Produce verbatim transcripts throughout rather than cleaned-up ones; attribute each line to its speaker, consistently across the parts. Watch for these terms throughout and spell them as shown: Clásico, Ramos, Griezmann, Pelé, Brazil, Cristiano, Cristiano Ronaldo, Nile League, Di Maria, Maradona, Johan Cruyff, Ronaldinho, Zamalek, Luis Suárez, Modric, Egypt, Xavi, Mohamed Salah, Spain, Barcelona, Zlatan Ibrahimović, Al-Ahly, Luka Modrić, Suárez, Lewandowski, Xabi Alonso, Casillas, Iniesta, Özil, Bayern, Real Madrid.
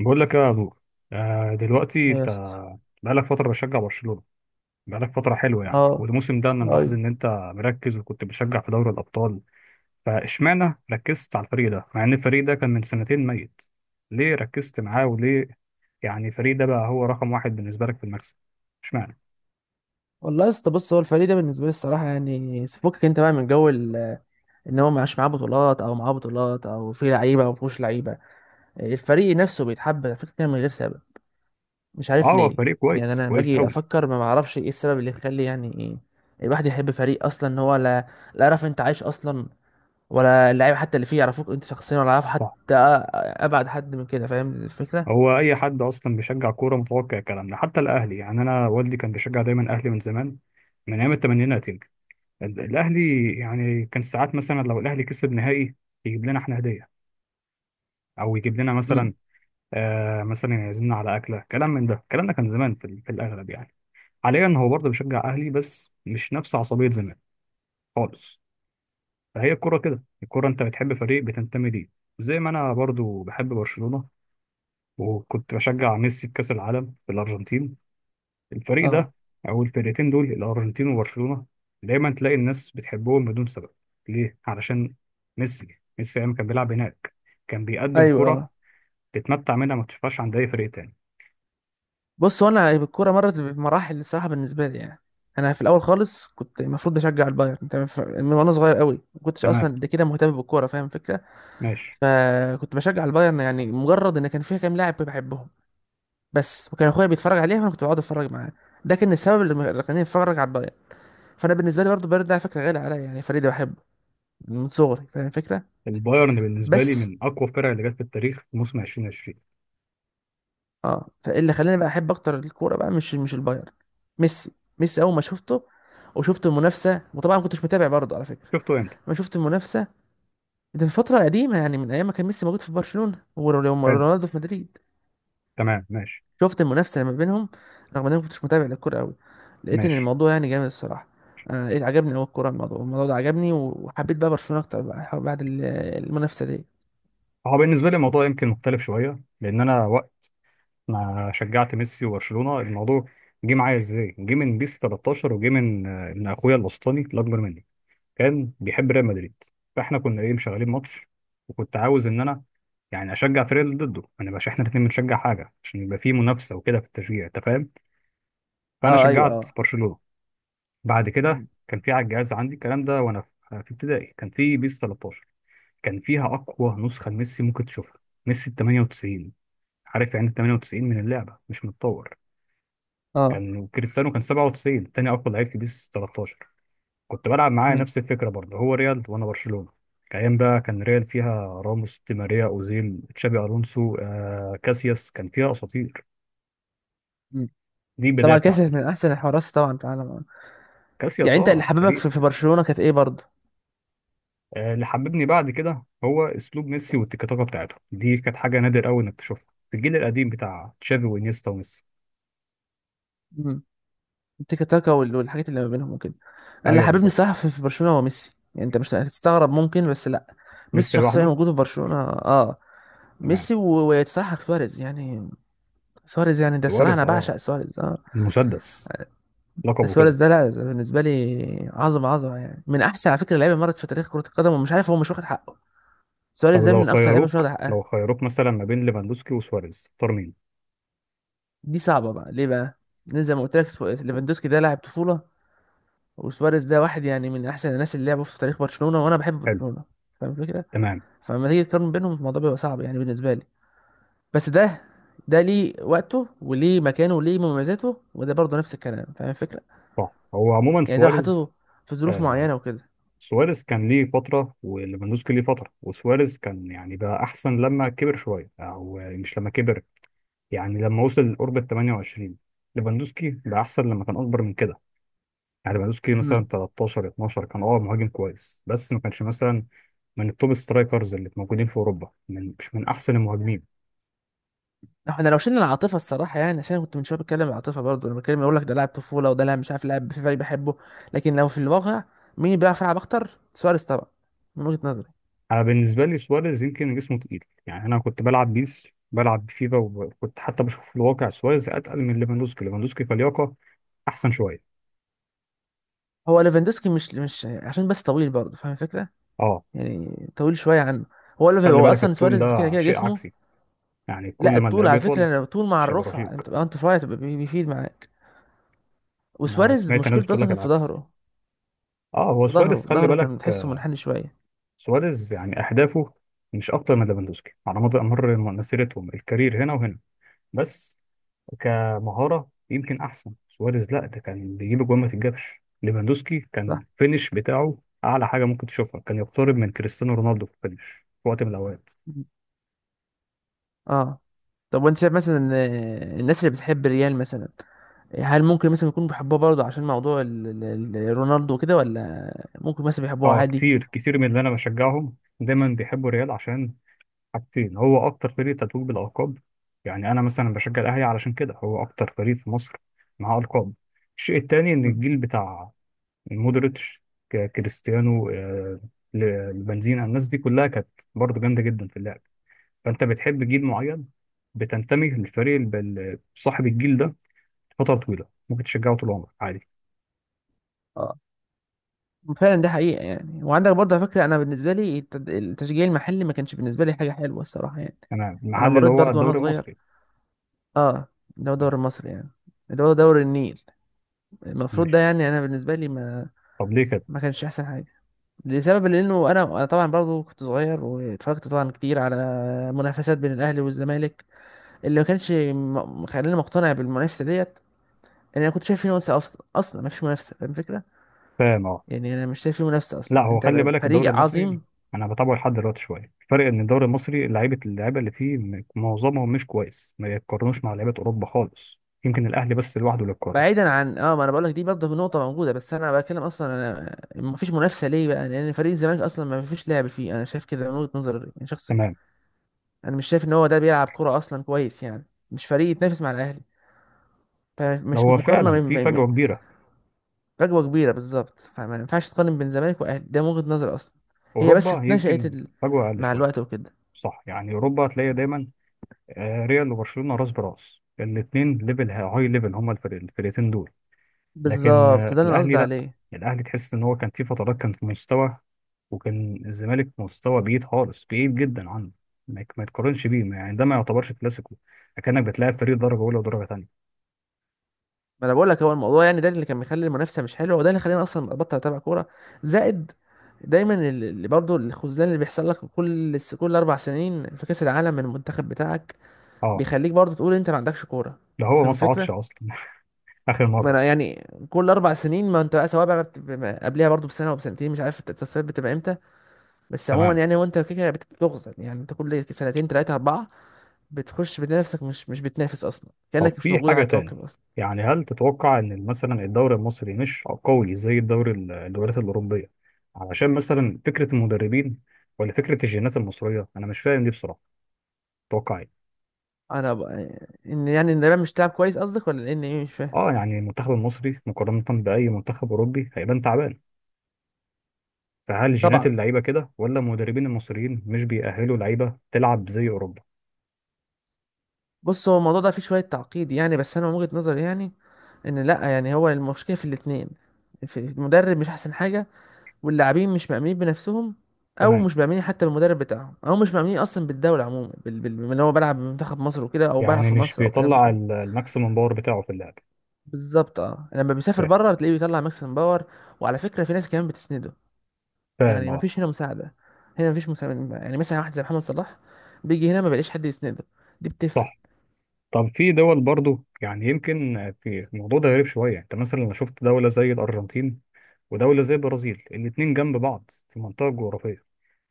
Speaker 1: بقول لك يا نور. آه، دلوقتي
Speaker 2: إيه يا
Speaker 1: انت
Speaker 2: اسطى.
Speaker 1: بقالك فتره بشجع برشلونه. بقالك فتره حلوه يعني،
Speaker 2: اه.
Speaker 1: والموسم ده انا ملاحظ
Speaker 2: ايوه.
Speaker 1: ان انت مركز وكنت بتشجع في دوري الابطال. فاشمعنى ركزت على الفريق ده مع ان الفريق ده كان من سنتين ميت؟ ليه ركزت معاه، وليه يعني الفريق ده بقى هو رقم واحد بالنسبه لك في المكسب؟ اشمعنى؟
Speaker 2: والله يا اسطى، بص، هو الفريق ده بالنسبه لي الصراحه، يعني سيبك انت بقى من جو ال- ان هو معاش معاه بطولات او معاه بطولات او في لعيبه او مفيهوش لعيبه. الفريق نفسه بيتحب على فكره كده من غير سبب. مش
Speaker 1: اه،
Speaker 2: عارف
Speaker 1: هو
Speaker 2: ليه.
Speaker 1: فريق
Speaker 2: يعني
Speaker 1: كويس،
Speaker 2: انا لما
Speaker 1: كويس
Speaker 2: باجي
Speaker 1: قوي.
Speaker 2: افكر ما بعرفش ايه السبب اللي يخلي يعني ايه الواحد يحب فريق اصلا، ان هو لا لا يعرف انت عايش اصلا، ولا اللعيبه حتى اللي فيه يعرفوك انت شخصيا، ولا يعرف
Speaker 1: صح،
Speaker 2: حتى أ- ابعد حد من كده. فاهم الفكره؟
Speaker 1: هو اي حد اصلا بيشجع كوره متوقع الكلام ده، حتى الاهلي. يعني انا والدي كان بيشجع دايما اهلي من زمان، من ايام الثمانينات. ال- الاهلي يعني كان ساعات مثلا لو الاهلي كسب نهائي يجيب لنا احنا هديه، او يجيب لنا مثلا،
Speaker 2: امم
Speaker 1: آه مثلا يعزمنا على اكله، كلام من ده. الكلام ده كان زمان في, ال- في الاغلب يعني. حاليا هو برضه بيشجع اهلي بس مش نفس عصبيه زمان خالص. فهي الكوره كده، الكوره انت بتحب فريق بتنتمي ليه. زي ما انا برضه بحب برشلونه وكنت بشجع ميسي في كاس العالم في الارجنتين. الفريق
Speaker 2: اه.
Speaker 1: ده، او الفرقتين دول، الارجنتين وبرشلونه. دايما تلاقي الناس بتحبهم بدون سبب. ليه؟ علشان ميسي. ميسي ايام كان بيلعب هناك كان بيقدم
Speaker 2: ايوه.
Speaker 1: كرة
Speaker 2: اه.
Speaker 1: تتمتع منها، ما تشوفهاش عند اي فريق تاني.
Speaker 2: بص، هو انا الكوره مرت بمراحل الصراحه بالنسبه لي يعني. انا في الاول خالص كنت المفروض بشجع البايرن تمام، ف- من وانا صغير قوي ما كنتش اصلا
Speaker 1: تمام،
Speaker 2: قد كده مهتم بالكوره. فاهم الفكره؟
Speaker 1: ماشي.
Speaker 2: فكنت بشجع البايرن يعني مجرد ان كان فيها كام لاعب بحبهم بس، وكان اخويا بيتفرج عليها فانا كنت بقعد اتفرج معاه. ده كان السبب اللي اللي خلاني اتفرج على البايرن. فانا بالنسبه لي برضه البايرن ده على فكره غالي عليا، يعني فريق ده بحبه من صغري. فاهم الفكره؟
Speaker 1: البايرن بالنسبه لي
Speaker 2: بس
Speaker 1: من اقوى الفرق اللي جت في التاريخ، في موسم الفين وعشرين.
Speaker 2: اه فاللي خلاني بقى احب اكتر الكوره بقى مش مش البايرن. ميسي. ميسي اول ما شفته وشفت المنافسه، وطبعا ما كنتش متابع برضه على فكره.
Speaker 1: شفته امتى؟
Speaker 2: لما شفت المنافسه، ده من فتره قديمه يعني من ايام ما كان ميسي موجود في برشلونه
Speaker 1: حلو،
Speaker 2: ورونالدو في مدريد.
Speaker 1: تمام ماشي.
Speaker 2: شفت المنافسه ما بينهم، رغم ان انا ما كنتش متابع للكوره قوي، لقيت ان
Speaker 1: ماشي،
Speaker 2: الموضوع يعني جامد الصراحه. انا لقيت عجبني قوي الكوره، الموضوع الموضوع ده عجبني وحبيت بقى برشلونه اكتر بقى بعد ال- المنافسه دي.
Speaker 1: هو بالنسبه لي الموضوع يمكن مختلف شويه، لان انا وقت ما شجعت ميسي وبرشلونه الموضوع جه معايا ازاي؟ جه من بيس تلتاشر، وجه من آه، من اخويا الوسطاني الاكبر مني. كان بيحب ريال مدريد، فاحنا كنا ايه مشغلين ماتش، وكنت عاوز ان انا يعني اشجع فريق اللي ضده، ما نبقاش احنا الاثنين بنشجع حاجه، عشان يبقى في منافسه وكده في التشجيع، انت فاهم. فانا
Speaker 2: اه. ايوه.
Speaker 1: شجعت
Speaker 2: اه.
Speaker 1: برشلونه. بعد كده
Speaker 2: مم.
Speaker 1: كان في على الجهاز عندي الكلام ده، وانا في في ابتدائي كان في بيس تلتاشر. كان فيها اقوى نسخه لميسي ممكن تشوفها. ميسي ال تمانية وتسعين. عارف يعني ال تمانية وتسعين من اللعبه، مش متطور.
Speaker 2: اه.
Speaker 1: كان كريستيانو كان سبعة وتسعين، تاني اقوى لعيب في بيس تلتاشر. كنت بلعب معاه
Speaker 2: مم.
Speaker 1: نفس الفكره برضه، هو ريال وانا برشلونه. ايام بقى كان ريال فيها راموس، دي ماريا، اوزيل، تشابي الونسو، آه كاسياس، كان فيها اساطير.
Speaker 2: مم.
Speaker 1: دي البدايه
Speaker 2: طبعا كاسياس
Speaker 1: بتاعتي.
Speaker 2: من احسن الحراس طبعا في العالم.
Speaker 1: كاسياس
Speaker 2: يعني انت اللي
Speaker 1: اه،
Speaker 2: حببك في في
Speaker 1: تاريخ.
Speaker 2: برشلونه كانت ايه برضه؟
Speaker 1: آه اللي حببني بعد كده هو اسلوب ميسي، والتيكي تاكا بتاعته دي كانت حاجه نادر قوي انك تشوفها في الجيل القديم بتاع تشافي وانيستا وميسي.
Speaker 2: مم. التيكا تاكا وال- والحاجات اللي ما بينهم وكده. انا اللي
Speaker 1: ايوه،
Speaker 2: حببني
Speaker 1: بالظبط.
Speaker 2: الصراحه في في برشلونه هو ميسي، يعني انت مش هتستغرب ممكن، بس لا. ميسي
Speaker 1: ميسي
Speaker 2: شخصيا
Speaker 1: لوحده.
Speaker 2: وجوده في برشلونه. اه.
Speaker 1: تمام.
Speaker 2: ميسي و- وصراحه سواريز يعني. سواريز يعني ده الصراحه انا
Speaker 1: سواريز
Speaker 2: بعشق
Speaker 1: اه،
Speaker 2: سواريز. اه.
Speaker 1: المسدس، لقبه
Speaker 2: سواريز
Speaker 1: كده.
Speaker 2: ده، لا ده بالنسبه لي عظمه عظمه يعني، من احسن على فكره لعيبه مرت في تاريخ كره القدم، ومش عارف هو مش واخد حقه.
Speaker 1: طب
Speaker 2: سواريز ده
Speaker 1: لو
Speaker 2: من اكتر لعيبه مش
Speaker 1: خيروك،
Speaker 2: واخد
Speaker 1: لو
Speaker 2: حقها.
Speaker 1: خيروك مثلا ما بين ليفاندوسكي وسواريز، تختار مين؟
Speaker 2: دي صعبه بقى. ليه بقى؟ لأن زي ما قلت لك سو- ليفاندوسكي ده لاعب طفوله، وسواريز ده واحد يعني من احسن الناس اللي لعبوا في تاريخ برشلونة، وانا بحب
Speaker 1: حلو،
Speaker 2: برشلونة. فاهم الفكرة؟
Speaker 1: تمام.
Speaker 2: فلما تيجي تقارن بينهم الموضوع بيبقى صعب يعني بالنسبة لي. بس ده ده ليه وقته وليه مكانه وليه مميزاته، وده برضه نفس الكلام. فاهم الفكرة؟
Speaker 1: صح، هو عموما
Speaker 2: يعني ده لو
Speaker 1: سواريز.
Speaker 2: حطيته في ظروف
Speaker 1: آه
Speaker 2: معينة وكده.
Speaker 1: سواريز كان ليه فترة، وليفاندوسكي ليه فترة. وسواريز كان يعني بقى أحسن لما كبر شوية، أو مش لما كبر، يعني لما وصل قرب ال تمانية وعشرين. ليفاندوسكي بقى أحسن لما كان أكبر من كده. يعني ليفاندوسكي مثلا
Speaker 2: امم
Speaker 1: تلتاشر، اتناشر كان أه مهاجم كويس، بس ما كانش مثلا من التوب سترايكرز اللي موجودين في أوروبا، من مش من أحسن المهاجمين.
Speaker 2: احنا لو شلنا العاطفة الصراحة يعني، عشان أنا كنت من شوية بتكلم عن العاطفة برضه لما بتكلم اقول لك ده لاعب طفولة وده لاعب مش عارف لاعب في فريق بحبه. لكن لو في الواقع، مين اللي بيعرف يلعب اكتر؟ سواريز طبعا، من وجهة نظري.
Speaker 1: أنا بالنسبة لي سواريز يمكن جسمه تقيل، يعني أنا كنت بلعب بيس، بلعب بفيفا، وكنت حتى بشوف في الواقع سواريز أتقل من ليفاندوسكي. ليفاندوسكي كلياقة احسن شويه.
Speaker 2: هو ليفاندوسكي مش مش عشان بس طويل برضه. فاهم الفكرة؟
Speaker 1: اه،
Speaker 2: يعني طويل شويه عنه. هو
Speaker 1: بس
Speaker 2: اللي
Speaker 1: خلي
Speaker 2: هو
Speaker 1: بالك
Speaker 2: اصلا
Speaker 1: الطول
Speaker 2: سواريز كده
Speaker 1: ده
Speaker 2: كده
Speaker 1: شيء
Speaker 2: جسمه.
Speaker 1: عكسي، يعني كل
Speaker 2: لا
Speaker 1: ما
Speaker 2: الطول
Speaker 1: اللعيب
Speaker 2: على
Speaker 1: يطول
Speaker 2: فكره، الطول مع
Speaker 1: مش هيبقى
Speaker 2: الرفع
Speaker 1: رشيق.
Speaker 2: انت بتبقى انت رفيع تبقى بي- بيفيد معاك.
Speaker 1: انا
Speaker 2: وسواريز
Speaker 1: سمعت ناس
Speaker 2: مشكلته
Speaker 1: بتقول
Speaker 2: اصلا
Speaker 1: لك
Speaker 2: كانت في
Speaker 1: العكس.
Speaker 2: ظهره.
Speaker 1: اه، هو
Speaker 2: في
Speaker 1: سواريز
Speaker 2: ظهره
Speaker 1: خلي
Speaker 2: ظهره
Speaker 1: بالك،
Speaker 2: كان تحسه
Speaker 1: آه،
Speaker 2: منحني شويه.
Speaker 1: سواريز يعني اهدافه مش اكتر من ليفاندوسكي على مدى مر مسيرتهم، الكارير هنا وهنا. بس كمهاره يمكن احسن سواريز، لا ده كان بيجيب جوان ما تتجابش. ليفاندوسكي كان
Speaker 2: صح.
Speaker 1: الفينش بتاعه اعلى حاجه ممكن تشوفها، كان يقترب من كريستيانو رونالدو في الفينش في وقت من الاوقات.
Speaker 2: مم. اه. طب وانت شايف مثلا ان الناس اللي بتحب الريال مثلا، هل ممكن مثلا يكونوا بيحبوها برضه عشان موضوع ال- ال- ال- رونالدو وكده، ولا ممكن مثلا بيحبوها
Speaker 1: اه،
Speaker 2: عادي؟
Speaker 1: كتير كتير من اللي انا بشجعهم دايما بيحبوا الريال، عشان حاجتين. هو اكتر فريق تتويج بالالقاب. يعني انا مثلا بشجع الاهلي علشان كده، هو اكتر فريق في مصر معاه القاب. الشيء التاني ان
Speaker 2: مم.
Speaker 1: الجيل بتاع مودريتش، ك- كريستيانو، آه، ل- البنزينة، الناس دي كلها كانت برضه جامده جدا في اللعب. فانت بتحب جيل معين، بتنتمي للفريق الب- ال- صاحب الجيل ده فتره طويله، ممكن تشجعه طول عمرك عادي.
Speaker 2: اه فعلا دي حقيقة يعني. وعندك برضه على فكرة، أنا بالنسبة لي التد- التشجيع المحلي ما كانش بالنسبة لي حاجة حلوة الصراحة يعني.
Speaker 1: انا
Speaker 2: أنا
Speaker 1: المحل اللي
Speaker 2: مريت
Speaker 1: هو
Speaker 2: برضه وأنا
Speaker 1: الدوري
Speaker 2: صغير.
Speaker 1: المصري،
Speaker 2: أه، اللي هو
Speaker 1: ماشي.
Speaker 2: دوري مصر يعني، اللي هو دوري النيل، المفروض ده،
Speaker 1: ماشي.
Speaker 2: يعني أنا بالنسبة لي ما
Speaker 1: طب ليه كده؟
Speaker 2: ما كانش أحسن حاجة. لسبب، لأنه أنا أنا طبعا برضه كنت صغير واتفرجت طبعا كتير على منافسات بين الأهلي والزمالك، اللي ما كانش م- مخليني مقتنع بالمنافسة ديت. إن أنا كنت شايف في منافسة، أصلا أصلا ما فيش منافسة. فاهم الفكرة؟
Speaker 1: فاهم، اه.
Speaker 2: يعني أنا مش شايف في منافسة
Speaker 1: لا،
Speaker 2: أصلا.
Speaker 1: هو خلي
Speaker 2: أنت
Speaker 1: بالك الدوري
Speaker 2: فريق
Speaker 1: المصري
Speaker 2: عظيم.
Speaker 1: انا بتابعه لحد دلوقتي شويه. الفرق ان الدوري المصري لعيبه، اللعيبه اللي فيه م- معظمهم مش كويس، ما يتقارنوش مع لعيبه اوروبا خالص. يمكن الاهلي بس لوحده اللي يتقارن.
Speaker 2: بعيدا عن اه ما انا بقول لك دي برضه نقطه موجوده، بس انا بتكلم اصلا، انا ما فيش منافسه ليه بقى؟ لان فريق الزمالك اصلا ما فيش لعب فيه، انا شايف كده من وجهه نظري يعني شخصي.
Speaker 1: تمام.
Speaker 2: انا مش شايف ان هو ده بيلعب كوره اصلا كويس يعني، مش فريق يتنافس مع الاهلي،
Speaker 1: ده
Speaker 2: فمش
Speaker 1: هو
Speaker 2: مقارنه
Speaker 1: فعلا
Speaker 2: بين
Speaker 1: في
Speaker 2: بين-
Speaker 1: فجوه كبيره.
Speaker 2: فجوه كبيره بالظبط، فما ينفعش تقارن بين الزمالك والاهلي، ده من وجهه نظري اصلا. هي بس
Speaker 1: اوروبا
Speaker 2: اتنشأت
Speaker 1: يمكن
Speaker 2: ال...
Speaker 1: فجوه اقل
Speaker 2: مع
Speaker 1: شويه.
Speaker 2: الوقت وكده.
Speaker 1: صح، يعني اوروبا هتلاقي دايما آه، ريال وبرشلونه راس براس، الاثنين ليفل هاي ليفل، هما الفرق- الفرقتين دول. لكن
Speaker 2: بالظبط،
Speaker 1: آه،
Speaker 2: ده اللي انا
Speaker 1: الاهلي
Speaker 2: قصدي
Speaker 1: لا.
Speaker 2: عليه.
Speaker 1: الاهلي تحس ان هو كان في فترات كان في مستوى، وكان الزمالك في مستوى بعيد خالص، بعيد جدا عنه. ما يك- ما يتقارنش بيه، ما- يعني ده ما يعتبرش كلاسيكو. اكنك بتلاعب فريق درجه اولى ودرجه ثانيه.
Speaker 2: ما انا بقول لك هو الموضوع يعني ده اللي كان مخلي المنافسه مش حلوه، وده اللي خلاني اصلا ابطل اتابع كوره. زائد، دايما ال- اللي برضه الخذلان اللي بيحصل لك كل س- كل اربع سنين في كاس العالم من المنتخب بتاعك،
Speaker 1: اه،
Speaker 2: بيخليك برضه تقول انت ما عندكش كوره.
Speaker 1: ده هو ما
Speaker 2: فاهم
Speaker 1: صعدش
Speaker 2: الفكره؟
Speaker 1: اصلا اخر
Speaker 2: ما
Speaker 1: مره.
Speaker 2: انا يعني كل اربع سنين، ما انت بقى سواء بقى بت- بما- قبلها برضه بسنه او بسنتين مش عارف التصفيات بتبقى امتى. بس عموما
Speaker 1: تمام.
Speaker 2: يعني، وانت كده بت- بتخزن، يعني انت كل سنتين ثلاثه اربعه بتخش، بتنافسك مش مش بتنافس اصلا
Speaker 1: طب
Speaker 2: كانك مش
Speaker 1: في
Speaker 2: موجود على
Speaker 1: حاجه تاني،
Speaker 2: الكوكب اصلا.
Speaker 1: يعني هل تتوقع ان مثلا الدوري المصري مش قوي زي الدوري ال- الدوريات الاوروبيه، علشان مثلا فكره المدربين، ولا فكره الجينات المصريه؟ انا مش فاهم دي بصراحه، تتوقع ايه؟
Speaker 2: انا ب... ان يعني ان اليابان مش تلعب كويس قصدك، ولا ان ايه مش فاهم؟
Speaker 1: اه، يعني المنتخب المصري مقارنة بأي منتخب أوروبي هيبان تعبان. فهل جينات
Speaker 2: طبعا.
Speaker 1: اللعيبة كده، ولا المدربين المصريين مش بيأهلوا لعيبة تلعب زي أوروبا؟
Speaker 2: بص، هو الموضوع ده فيه شويه تعقيد يعني، بس انا من وجهه نظري يعني ان لا يعني هو المشكله في الاثنين. في المدرب مش احسن حاجه، واللاعبين مش مأمنين بنفسهم، او
Speaker 1: تمام،
Speaker 2: مش مأمنين حتى بالمدرب بتاعهم، او مش مأمنين اصلا بالدوله عموما بال... بال... بال- ان هو بيلعب بمنتخب مصر وكده، او بيلعب
Speaker 1: يعني
Speaker 2: في
Speaker 1: مش
Speaker 2: مصر، او الكلام ده
Speaker 1: بيطلع
Speaker 2: كله.
Speaker 1: ال- الماكسيمم باور بتاعه في اللعب.
Speaker 2: بالظبط اه، لما بيسافر
Speaker 1: فاهم.
Speaker 2: بره بتلاقيه بيطلع ماكسيمم باور. وعلى فكره في ناس كمان بتسنده،
Speaker 1: فاهم،
Speaker 2: يعني ما
Speaker 1: اه.
Speaker 2: فيش هنا مساعده. هنا ما فيش مساعده، يعني مثلا واحد زي محمد صلاح بيجي هنا ما بيلاقيش حد يسنده. دي بتفرق.
Speaker 1: صح. طب في دول برضو، يعني يمكن في الموضوع ده غريب شوية. انت مثلا لو شفت دولة زي الأرجنتين ودولة زي البرازيل، الاتنين جنب بعض في منطقة جغرافية،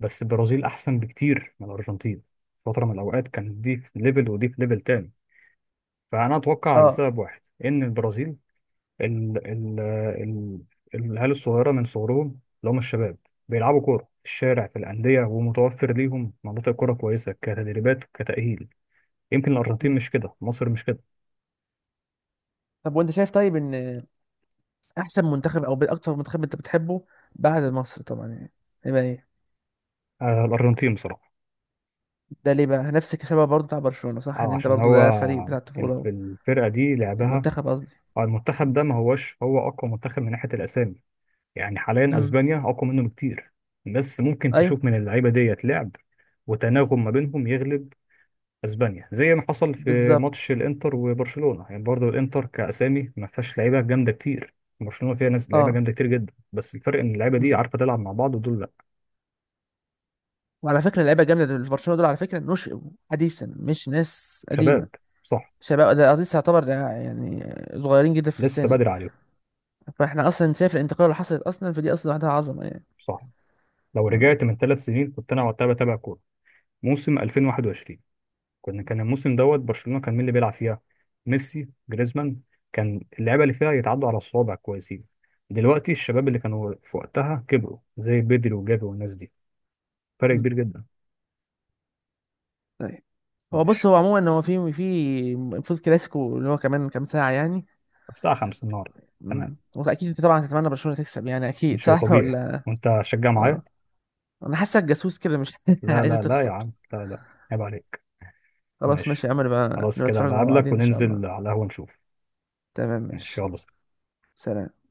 Speaker 1: بس البرازيل أحسن بكتير من الأرجنتين. فترة من الأوقات كانت دي في ليفل ودي في ليفل تاني. فأنا أتوقع
Speaker 2: اه.
Speaker 1: لسبب واحد، إن البرازيل ال ال ال العيال الصغيرة من صغرهم، اللي هم الشباب، بيلعبوا كورة في الشارع، في الأندية، ومتوفر ليهم مناطق كورة كويسة، كتدريبات وكتأهيل. يمكن الأرجنتين
Speaker 2: مم.
Speaker 1: مش كده، مصر مش كده.
Speaker 2: طب وانت شايف طيب ان احسن منتخب او اكتر منتخب انت بتحبه بعد مصر طبعا يعني، يبقى ايه؟
Speaker 1: آه، الأرجنتين بصراحة.
Speaker 2: ده ليه بقى؟ نفس السبب برضه بتاع برشلونة، صح؟ ان
Speaker 1: أه،
Speaker 2: انت
Speaker 1: عشان
Speaker 2: برضه
Speaker 1: هو
Speaker 2: ده فريق بتاع الطفولة
Speaker 1: الف-
Speaker 2: و-
Speaker 1: الفرقة دي لعبها،
Speaker 2: المنتخب قصدي.
Speaker 1: أو المنتخب ده، ما هوش هو أقوى منتخب من ناحية الأسامي، يعني حاليا
Speaker 2: امم
Speaker 1: أسبانيا أقوى منه بكتير. بس ممكن
Speaker 2: ايوه
Speaker 1: تشوف من اللعيبة ديت لعب وتناغم ما بينهم يغلب اسبانيا، زي ما حصل في ماتش
Speaker 2: بالظبط.
Speaker 1: الانتر وبرشلونه. يعني برضه الانتر كاسامي ما فيهاش لعيبه جامده كتير، برشلونه فيها ناس لعيبه
Speaker 2: اه.
Speaker 1: جامده كتير جدا، بس الفرق ان اللعيبه دي
Speaker 2: مم.
Speaker 1: عارفه تلعب مع بعض ودول لا.
Speaker 2: وعلى فكرة اللعيبة الجامدة اللي في برشلونة دول على فكرة نشئوا حديثا، مش ناس قديمة.
Speaker 1: شباب، صح.
Speaker 2: شباب ده قصدي تعتبر ده يعني، صغيرين جدا في
Speaker 1: لسه
Speaker 2: السن.
Speaker 1: بدري عليهم.
Speaker 2: فاحنا اصلا شايف الانتقال اللي حصلت اصلا، فدي اصلا لوحدها عظمه يعني.
Speaker 1: صح، لو
Speaker 2: م.
Speaker 1: رجعت من ثلاث سنين، كنت انا وقتها بتابع كوره، موسم الفين وواحد وعشرين. كنا كان الموسم دوت، برشلونه كان مين اللي بيلعب فيها؟ ميسي، جريزمان. كان اللعيبه اللي فيها يتعدوا على الصوابع، كويسين. دلوقتي الشباب اللي كانوا في وقتها كبروا، زي بيدري وجافي والناس دي. فرق
Speaker 2: م.
Speaker 1: كبير جدا.
Speaker 2: طيب. هو بص، هو عموما هو في في المفروض كلاسيكو اللي هو كمان كام ساعه يعني.
Speaker 1: الساعة خمسة النهار.
Speaker 2: م.
Speaker 1: تمام.
Speaker 2: واكيد انت طبعا تتمنى برشلونه تكسب يعني، اكيد
Speaker 1: ماشي،
Speaker 2: صح
Speaker 1: طبيعي.
Speaker 2: ولا؟
Speaker 1: وأنت هتشجع معايا؟
Speaker 2: اه. انا حاسك جاسوس كده، مش
Speaker 1: لا
Speaker 2: عايزه
Speaker 1: لا لا يا
Speaker 2: تخسر.
Speaker 1: عم، لا لا، عيب عليك.
Speaker 2: خلاص ماشي
Speaker 1: ماشي،
Speaker 2: يا عمرو بقى، نبقى
Speaker 1: خلاص كده
Speaker 2: نتفرج مع
Speaker 1: بقابلك
Speaker 2: بعضين ان شاء الله.
Speaker 1: وننزل على القهوة نشوف.
Speaker 2: تمام
Speaker 1: ماشي،
Speaker 2: ماشي.
Speaker 1: يلا سلام.
Speaker 2: سلام